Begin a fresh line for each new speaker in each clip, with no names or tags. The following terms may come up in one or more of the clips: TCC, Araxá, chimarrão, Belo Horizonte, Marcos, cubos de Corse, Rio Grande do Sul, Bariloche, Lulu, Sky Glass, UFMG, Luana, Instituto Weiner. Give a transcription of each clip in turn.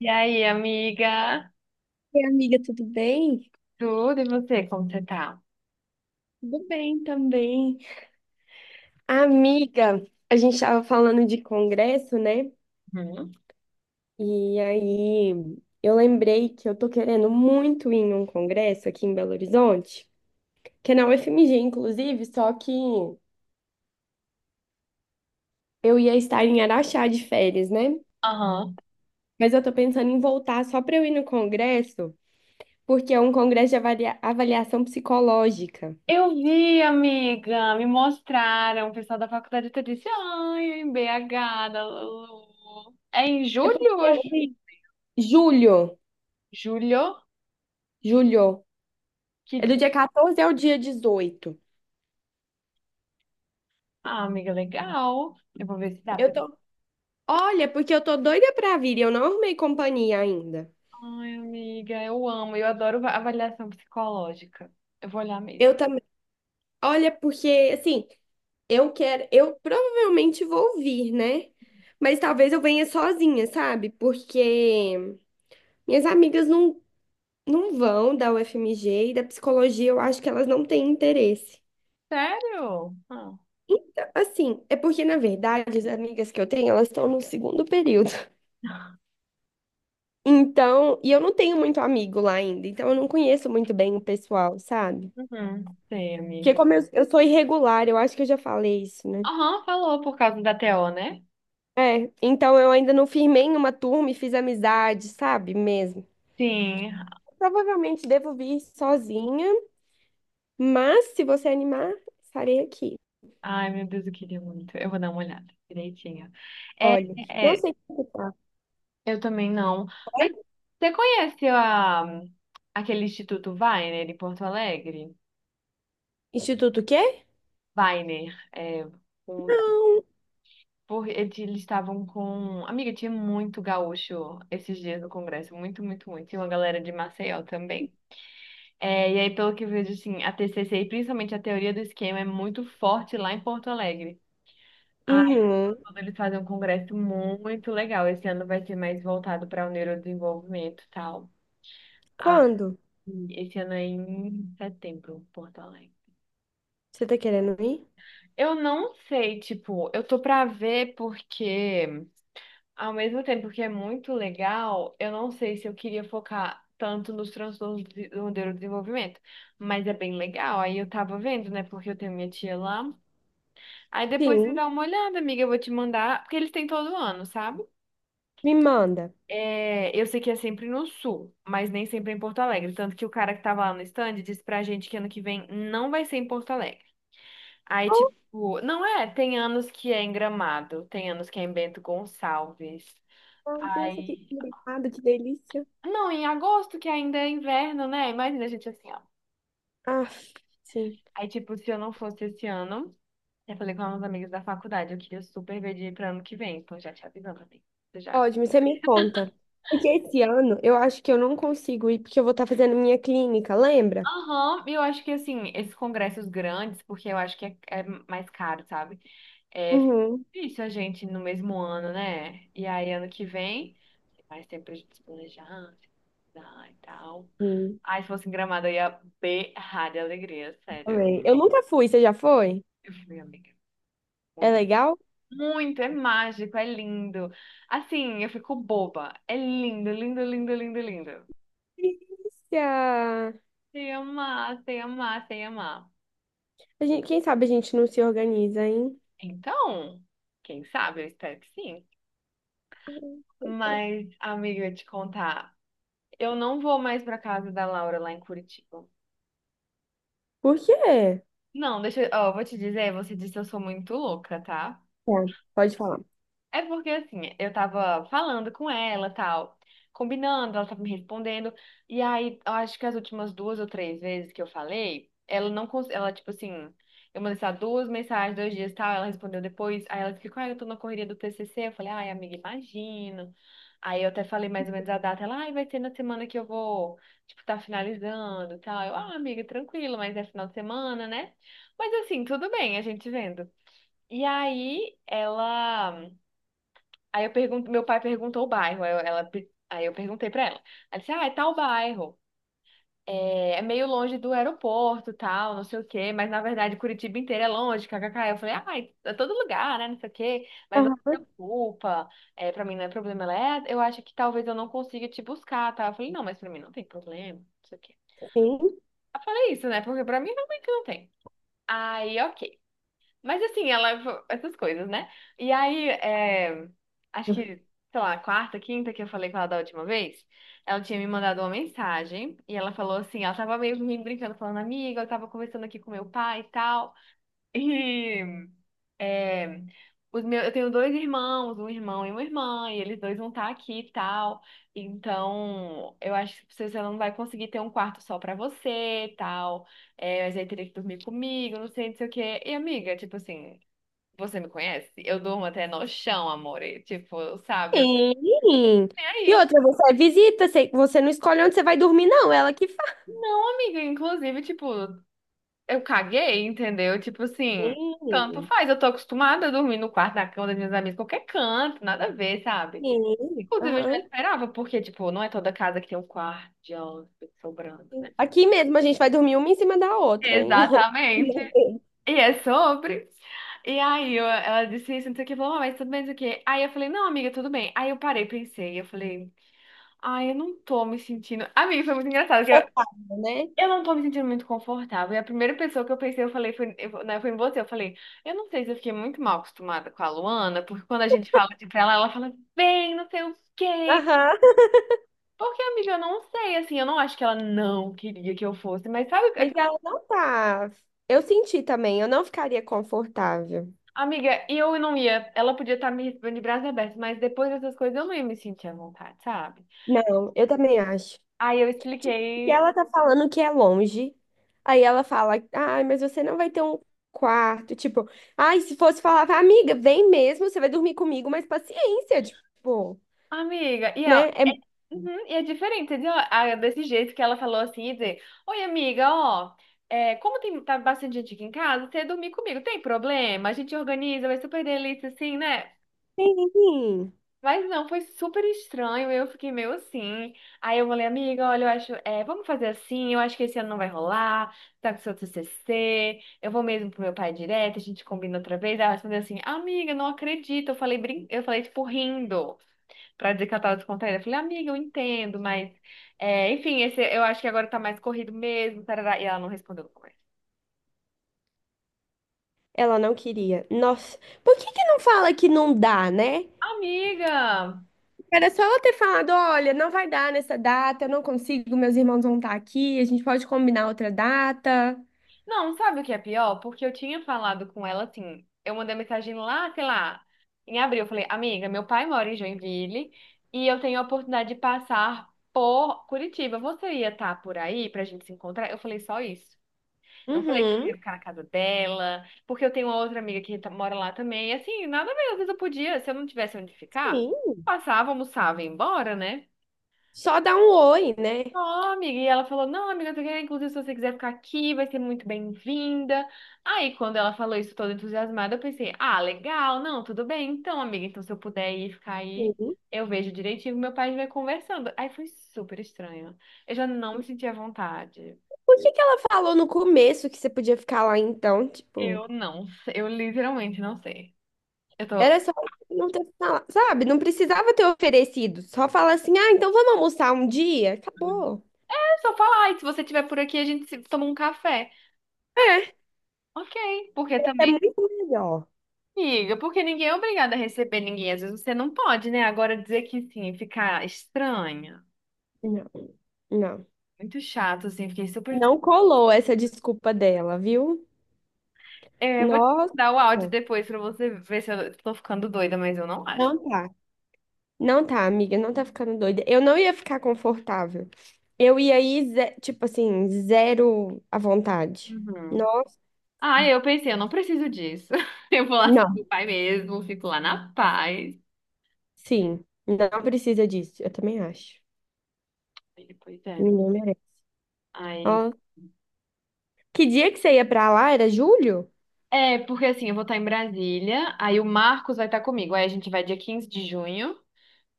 E aí, amiga?
E amiga, tudo bem?
Tudo e você, como você tá?
Tudo bem também. Amiga, a gente estava falando de congresso, né?
Uhum.
E aí eu lembrei que eu tô querendo muito ir em um congresso aqui em Belo Horizonte, que é na UFMG, inclusive, só que eu ia estar em Araxá de férias, né?
Aham.
Mas eu tô pensando em voltar só para eu ir no congresso, porque é um congresso de avaliação psicológica.
Eu vi, amiga, me mostraram, o pessoal da faculdade até disse, ai, em BH, da Lulu. É em
Depois
julho
eu
hoje?
vi. Julho,
Julho?
julho.
Que
É do
dia?
dia 14 ao dia 18.
Ah, amiga, legal. Eu vou ver se dá pra
Eu
mim.
tô. Olha, porque eu tô doida pra vir, e eu não arrumei companhia ainda.
Ai, amiga, eu amo, eu adoro avaliação psicológica. Eu vou olhar mesmo.
Eu também. Olha, porque assim, eu quero, eu provavelmente vou vir, né? Mas talvez eu venha sozinha, sabe? Porque minhas amigas não vão da UFMG e da psicologia, eu acho que elas não têm interesse.
Sério? Ah.
Assim, é porque na verdade as amigas que eu tenho, elas estão no segundo período. Então, e eu não tenho muito amigo lá ainda, então eu não conheço muito bem o pessoal, sabe?
Uhum. Sei,
Porque
amiga.
como eu sou irregular, eu acho que eu já falei isso, né?
Aham, falou por causa da TO, né?
É, então eu ainda não firmei em uma turma e fiz amizade, sabe? Mesmo.
Sim.
Provavelmente devo vir sozinha, mas se você animar, estarei aqui.
Ai, meu Deus, eu queria muito. Eu vou dar uma olhada direitinho. É,
Olha, não
é,
sei como tá.
eu também não. Mas você conhece a, aquele Instituto Weiner em Porto Alegre?
Instituto o quê?
Weiner, um- eles estavam com... Amiga, tinha muito gaúcho esses dias no Congresso, muito, muito, muito. Tinha uma galera de Maceió também. É, e aí, pelo que eu vejo, assim, a TCC e principalmente a teoria do esquema é muito forte lá em Porto Alegre.
Uhum.
Tudo, eles fazem um congresso muito legal. Esse ano vai ser mais voltado para o neurodesenvolvimento e tal. Ah,
Quando?
e esse ano é em setembro, Porto Alegre.
Você tá querendo ir?
Eu não sei, tipo, eu tô pra ver porque, ao mesmo tempo que é muito legal, eu não sei se eu queria focar tanto nos transtornos do neurodesenvolvimento. Mas é bem legal. Aí eu tava vendo, né? Porque eu tenho minha tia lá. Aí depois você
Sim,
dá uma olhada, amiga, eu vou te mandar, porque eles têm todo ano, sabe?
me manda.
É, eu sei que é sempre no sul, mas nem sempre é em Porto Alegre. Tanto que o cara que tava lá no stand disse pra gente que ano que vem não vai ser em Porto Alegre. Aí,
Oh,
tipo, não é, tem anos que é em Gramado, tem anos que é em Bento Gonçalves.
meu Deus, que
Aí,
delicado, que delícia.
não, em agosto, que ainda é inverno, né? Imagina a gente assim, ó.
Ah, sim.
Aí, tipo, se eu não fosse esse ano, eu falei com alguns amigos da faculdade, eu queria super ver de ir pra ano que vem, então já te avisando, amigo. Você já...
Ótimo, você me conta. Porque esse ano eu acho que eu não consigo ir porque eu vou estar fazendo minha clínica, lembra?
Aham, eu acho que assim, esses congressos grandes, porque eu acho que é mais caro, sabe? É
Uhum.
difícil a gente no mesmo ano, né? E aí ano que vem, tem mais tempo pra gente se planejar, estudar e tal.
Sim,
Aí se fosse em Gramado, eu ia berrar de alegria, sério.
também. Eu nunca fui, você já foi?
Eu fui, amiga,
É
muito.
legal?
Muito, é mágico, é lindo. Assim, eu fico boba. É lindo, lindo, lindo, lindo, lindo.
Delícia!
Sei amar, sei amar, sei amar.
A gente, quem sabe a gente não se organiza, hein?
Então, quem sabe, eu espero que sim. Mas, amiga, eu te contar, eu não vou mais pra casa da Laura lá em Curitiba.
Por quê?
Não, deixa, eu, ó, eu vou te dizer, você disse que eu sou muito louca, tá?
Tá, pode falar.
É porque assim, eu tava falando com ela, tal, combinando, ela tava me respondendo, e aí eu acho que as últimas duas ou três vezes que eu falei, ela não conseguiu, ela tipo assim, eu mandei só duas mensagens, dois dias, tal, ela respondeu depois, aí ela ficou, ah, eu tô na correria do TCC, eu falei, ai, amiga, imagino. Aí eu até falei mais ou menos a data, ela, ai, vai ser na semana que eu vou, tipo, tá finalizando, tal. Eu, ah, amiga, tranquilo, mas é final de semana, né? Mas assim, tudo bem, a gente vendo. E aí, ela... Aí eu pergunto, meu pai perguntou o bairro, aí eu perguntei pra ela. Ela disse, ah, é tal bairro, é meio longe do aeroporto, tal, não sei o quê, mas na verdade Curitiba inteira é longe, kkk. Eu falei, ah, é todo lugar, né, não sei o quê, mas não se
Aham,
preocupa, é, pra mim não é problema. Ela, é, eu acho que talvez eu não consiga te buscar, tá? Eu falei, não, mas pra mim não tem problema, não sei o quê.
sim.
Eu falei isso, né, porque pra mim realmente não tem. Aí, ok. Mas assim, ela... Essas coisas, né? E aí, é, acho que, sei lá, quarta, quinta que eu falei com ela da última vez, ela tinha me mandado uma mensagem e ela falou assim: ela tava meio rindo, brincando, falando, amiga, eu tava conversando aqui com meu pai e tal. E. É, os meus, eu tenho dois irmãos, um irmão e uma irmã, e eles dois vão estar aqui e tal. Então, eu acho que você não vai conseguir ter um quarto só pra você e tal. É, mas aí teria que dormir comigo, não sei, não sei o quê. E amiga, tipo assim. Você me conhece? Eu durmo até no chão, amore. Tipo, sabe? Eu...
Sim.
E
E
aí?
outra, você é visita, você não escolhe onde você vai dormir, não, ela que faz.
Não, amiga, inclusive, tipo, eu caguei, entendeu? Tipo assim, tanto
Sim,
faz. Eu tô acostumada a dormir no quarto da cama das minhas amigas, qualquer canto, nada a ver, sabe?
sim.
Inclusive, eu já
Aham.
esperava, porque, tipo, não é toda casa que tem um quarto de hóspede sobrando, né?
Aqui mesmo a gente vai dormir uma em cima da outra, em.
Exatamente. E é sobre. E ela disse isso, não sei o que, falou, "Ah, mas tudo bem, não sei o que." Aí eu falei, não, amiga, tudo bem. Aí eu parei, pensei, eu falei. Ai, eu não tô me sentindo. Amiga, foi muito engraçado,
Confortável, né?
eu não tô me sentindo muito confortável. E a primeira pessoa que eu pensei, eu falei, foi, eu, né, foi em você. Eu falei, eu não sei se eu fiquei muito mal acostumada com a Luana, porque quando a gente fala de pra ela, ela fala, vem não sei o quê.
Aham.
Porque, amiga, eu não sei, assim, eu não acho que ela não queria que eu fosse, mas sabe
Mas
aquela...
ela não tá. Eu senti também, eu não ficaria confortável.
Amiga, e eu não ia. Ela podia estar me recebendo de braços abertos, mas depois dessas coisas eu não ia me sentir à vontade, sabe?
Não, eu também acho.
Aí eu
E
expliquei.
ela tá falando que é longe. Aí ela fala, ai, mas você não vai ter um quarto. Tipo, ai, se fosse falar, amiga, vem mesmo, você vai dormir comigo, mas paciência, tipo,
Amiga, e...
né? É...
Uhum, e é diferente, entendeu? Ah, é desse jeito que ela falou assim, e dizer, oi, amiga, ó, é, como tem, tá bastante gente aqui em casa, você dormir comigo, tem problema? A gente organiza, vai super delícia, assim, né?
Sim.
Mas não, foi super estranho. Eu fiquei meio assim. Aí eu falei, amiga, olha, eu acho, é, vamos fazer assim. Eu acho que esse ano não vai rolar. Tá com seu TCC. Eu vou mesmo pro meu pai direto. A gente combina outra vez. Ela respondeu assim, amiga, não acredito. Eu falei, brin... eu falei tipo rindo pra dizer que ela tava descontraída. Eu falei, amiga, eu entendo, mas é, enfim, esse, eu acho que agora tá mais corrido mesmo. Tarará. E ela não respondeu no começo.
Ela não queria. Nossa, por que que não fala que não dá, né?
Amiga!
Era só ela ter falado, olha, não vai dar nessa data, eu não consigo, meus irmãos vão estar aqui, a gente pode combinar outra data.
Não, sabe o que é pior? Porque eu tinha falado com ela assim. Eu mandei mensagem lá, sei lá, em abril. Eu falei, amiga, meu pai mora em Joinville e eu tenho a oportunidade de passar por Curitiba. Você ia estar por aí pra gente se encontrar? Eu falei só isso. Não falei que
Uhum,
ia ficar na casa dela, porque eu tenho uma outra amiga que mora lá também. E assim, nada mesmo. Às vezes eu podia, se eu não tivesse onde ficar,
sim.
passava, almoçava e ia embora, né?
Só dar um oi, né?
Ó, amiga, e ela falou, não, amiga, porque, inclusive, se você quiser ficar aqui, vai ser muito bem-vinda. Aí, quando ela falou isso toda entusiasmada, eu pensei, ah, legal, não, tudo bem, então, amiga, então se eu puder ir ficar aí,
Uhum.
eu vejo direitinho, meu pai vai conversando. Aí foi super estranho. Eu já não me senti à vontade.
Por que que ela falou no começo que você podia ficar lá então? Tipo,
Eu não, eu literalmente não sei. Eu tô,
era só não ter falado, sabe? Não precisava ter oferecido. Só falar assim, ah, então vamos almoçar um dia? Acabou.
é só falar, e se você estiver por aqui, a gente se- toma um café.
É,
Ok, porque
é
também...
muito melhor.
Amiga, porque ninguém é obrigado a receber ninguém. Às vezes você não pode, né? Agora dizer que sim, ficar estranha.
Não, não.
Muito chato, assim. Fiquei super.
Não colou essa desculpa dela, viu?
É, eu vou te
Nossa,
mandar o áudio depois pra você ver se eu tô ficando doida, mas eu não acho.
não tá. Não tá, amiga, não tá ficando doida. Eu não ia ficar confortável. Eu ia ir, tipo assim, zero à vontade.
Uhum.
Não,
Ah, eu pensei, eu não preciso disso. Eu vou lá com
não.
o pai mesmo, fico lá na paz.
Sim, não precisa disso. Eu também acho.
Aí depois é.
Ninguém merece.
Aí.
Ó, que dia que você ia pra lá? Era julho?
É, porque assim, eu vou estar em Brasília, aí o Marcos vai estar comigo. Aí a gente vai dia 15 de junho.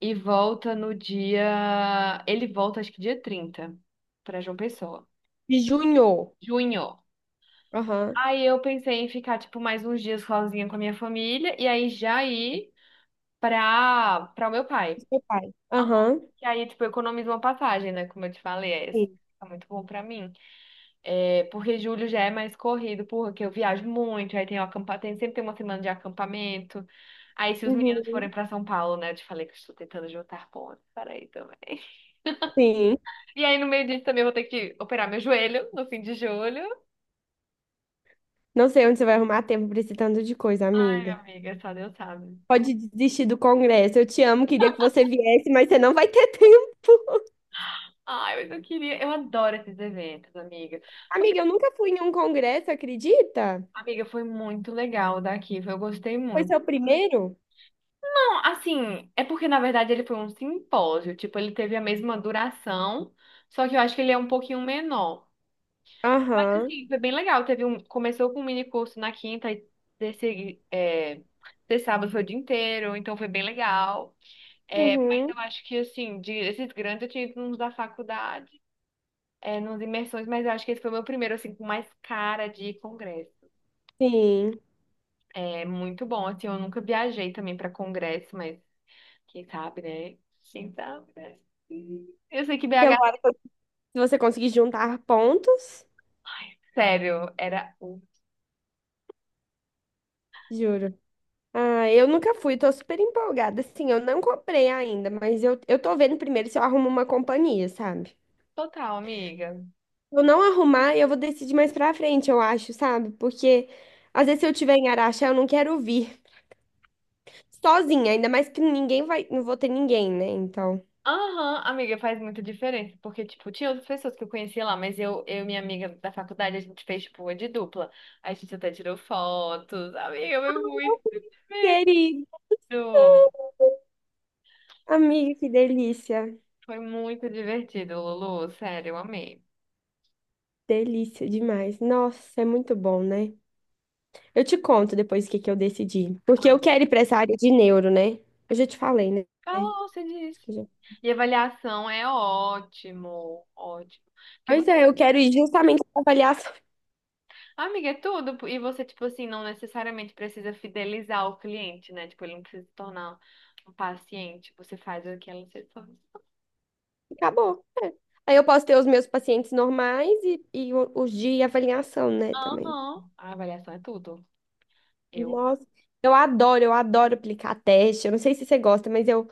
E volta no dia. Ele volta, acho que dia 30 pra João Pessoa.
De junho.
Junho.
Aham.
Aí eu pensei em ficar, tipo, mais uns dias sozinha com a minha família e aí já ir pra o meu pai.
Do seu pai.
Ah,
Aham.
e aí, tipo, eu economizo uma passagem, né? Como eu te falei, é isso.
Sim.
Tá muito bom pra mim. É, porque julho já é mais corrido, porque eu viajo muito, aí tem o acampa... tem, sempre tem uma semana de acampamento. Aí, se os meninos forem
Uhum.
pra São Paulo, né? Eu te falei que eu estou tentando juntar pontos para aí também.
Sim.
E aí, no meio disso, também vou ter que operar meu joelho no fim de julho.
Não sei onde você vai arrumar tempo pra esse tanto de coisa,
Ai,
amiga.
amiga, só Deus sabe.
Pode desistir do congresso. Eu te amo, queria que você viesse, mas você não vai ter tempo.
Ai, mas eu queria. Eu adoro esses eventos, amiga. Foi,
Amiga, eu nunca fui em um congresso, acredita?
amiga, foi muito legal daqui. Eu gostei
Foi
muito.
seu primeiro?
Não, assim, é porque na verdade ele foi um simpósio. Tipo, ele teve a mesma duração, só que eu acho que ele é um pouquinho menor. Mas,
Aham,
assim, foi bem legal. Teve um, começou com um mini curso na quinta e desse, é, desse sábado foi o dia inteiro, então foi bem legal. É, mas
uhum,
eu acho que, assim, de, esses grandes eu tinha ido nos da faculdade, é, nos imersões, mas eu acho que esse foi o meu primeiro, assim, com mais cara de congresso.
sim.
É muito bom, assim, eu nunca viajei também para congresso, mas quem sabe, né? Quem sabe, né? Eu sei que BH,
Celular, se você conseguir juntar pontos,
sério, era o
juro. Ah, eu nunca fui, tô super empolgada. Assim, eu não comprei ainda, mas eu tô vendo primeiro se eu arrumo uma companhia, sabe?
total, amiga.
Se eu não arrumar, eu vou decidir mais pra frente, eu acho, sabe? Porque às vezes se eu tiver em Araxá, eu não quero vir sozinha, ainda mais que ninguém vai, não vou ter ninguém, né? Então.
Aham, amiga, faz muita diferença, porque, tipo, tinha outras pessoas que eu conhecia lá, mas eu e minha amiga da faculdade, a gente fez, tipo, uma de dupla. A gente até tirou fotos, amiga, foi muito...
Querido,
Lu,
amiga, que delícia.
foi muito divertido, Lulu. Sério, eu amei.
Delícia demais. Nossa, é muito bom, né? Eu te conto depois o que que eu decidi. Porque eu quero ir para essa área de neuro, né? Eu já te falei, né?
Falou, você
Acho
disse.
que já-
E avaliação é ótimo, ótimo. Porque,
Pois
você,
é, eu quero ir justamente para avaliação.
amiga, é tudo. E você, tipo assim, não necessariamente precisa fidelizar o cliente, né? Tipo, ele não precisa se tornar um paciente. Você faz o que ela se torna.
Acabou. É. Aí eu posso ter os meus pacientes normais e os de avaliação, né, também.
Aham. A avaliação é tudo. Eu.
Nossa, eu adoro aplicar teste. Eu não sei se você gosta, mas eu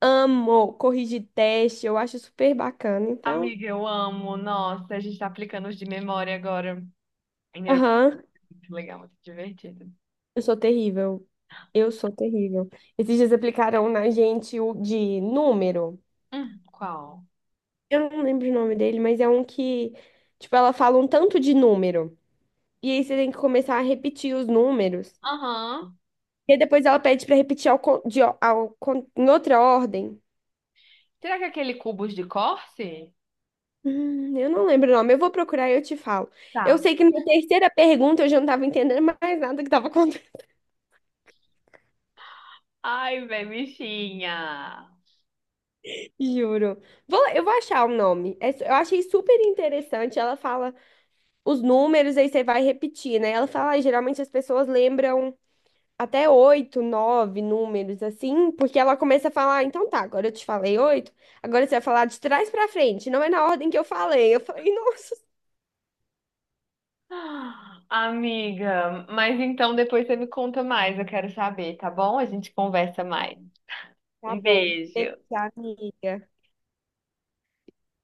amo corrigir teste. Eu acho super bacana. Então,
Amiga, eu amo. Nossa, a gente tá aplicando os de memória agora. Em neuro-
aham,
muito legal, muito divertido.
eu sou terrível. Eu sou terrível. Esses dias aplicaram na gente o de número.
Qual?
Eu não lembro o nome dele, mas é um que, tipo, ela fala um tanto de número. E aí você tem que começar a repetir os números.
Aham.
E aí depois ela pede pra repetir ao, con- de, o- ao, con- em outra ordem.
Será que é aquele cubos de Corse?
Eu não lembro o nome. Eu vou procurar e eu te falo. Eu
Tá.
sei que na terceira pergunta eu já não tava entendendo mais nada que tava acontecendo.
Ai, velho, bichinha.
Juro. Eu vou achar o nome. Eu achei super interessante. Ela fala os números, aí você vai repetir, né? Ela fala, "Ah, geralmente as pessoas lembram até oito, nove números assim, porque ela começa a falar, "Ah, então tá, agora eu te falei oito, agora você vai falar de trás pra frente, não é na ordem que eu falei." Eu falei, nossa,
Ah, amiga, mas então depois você me conta mais, eu quero saber, tá bom? A gente conversa
tá
mais.
tá
Um
bom,
beijo.
deixa, amiga.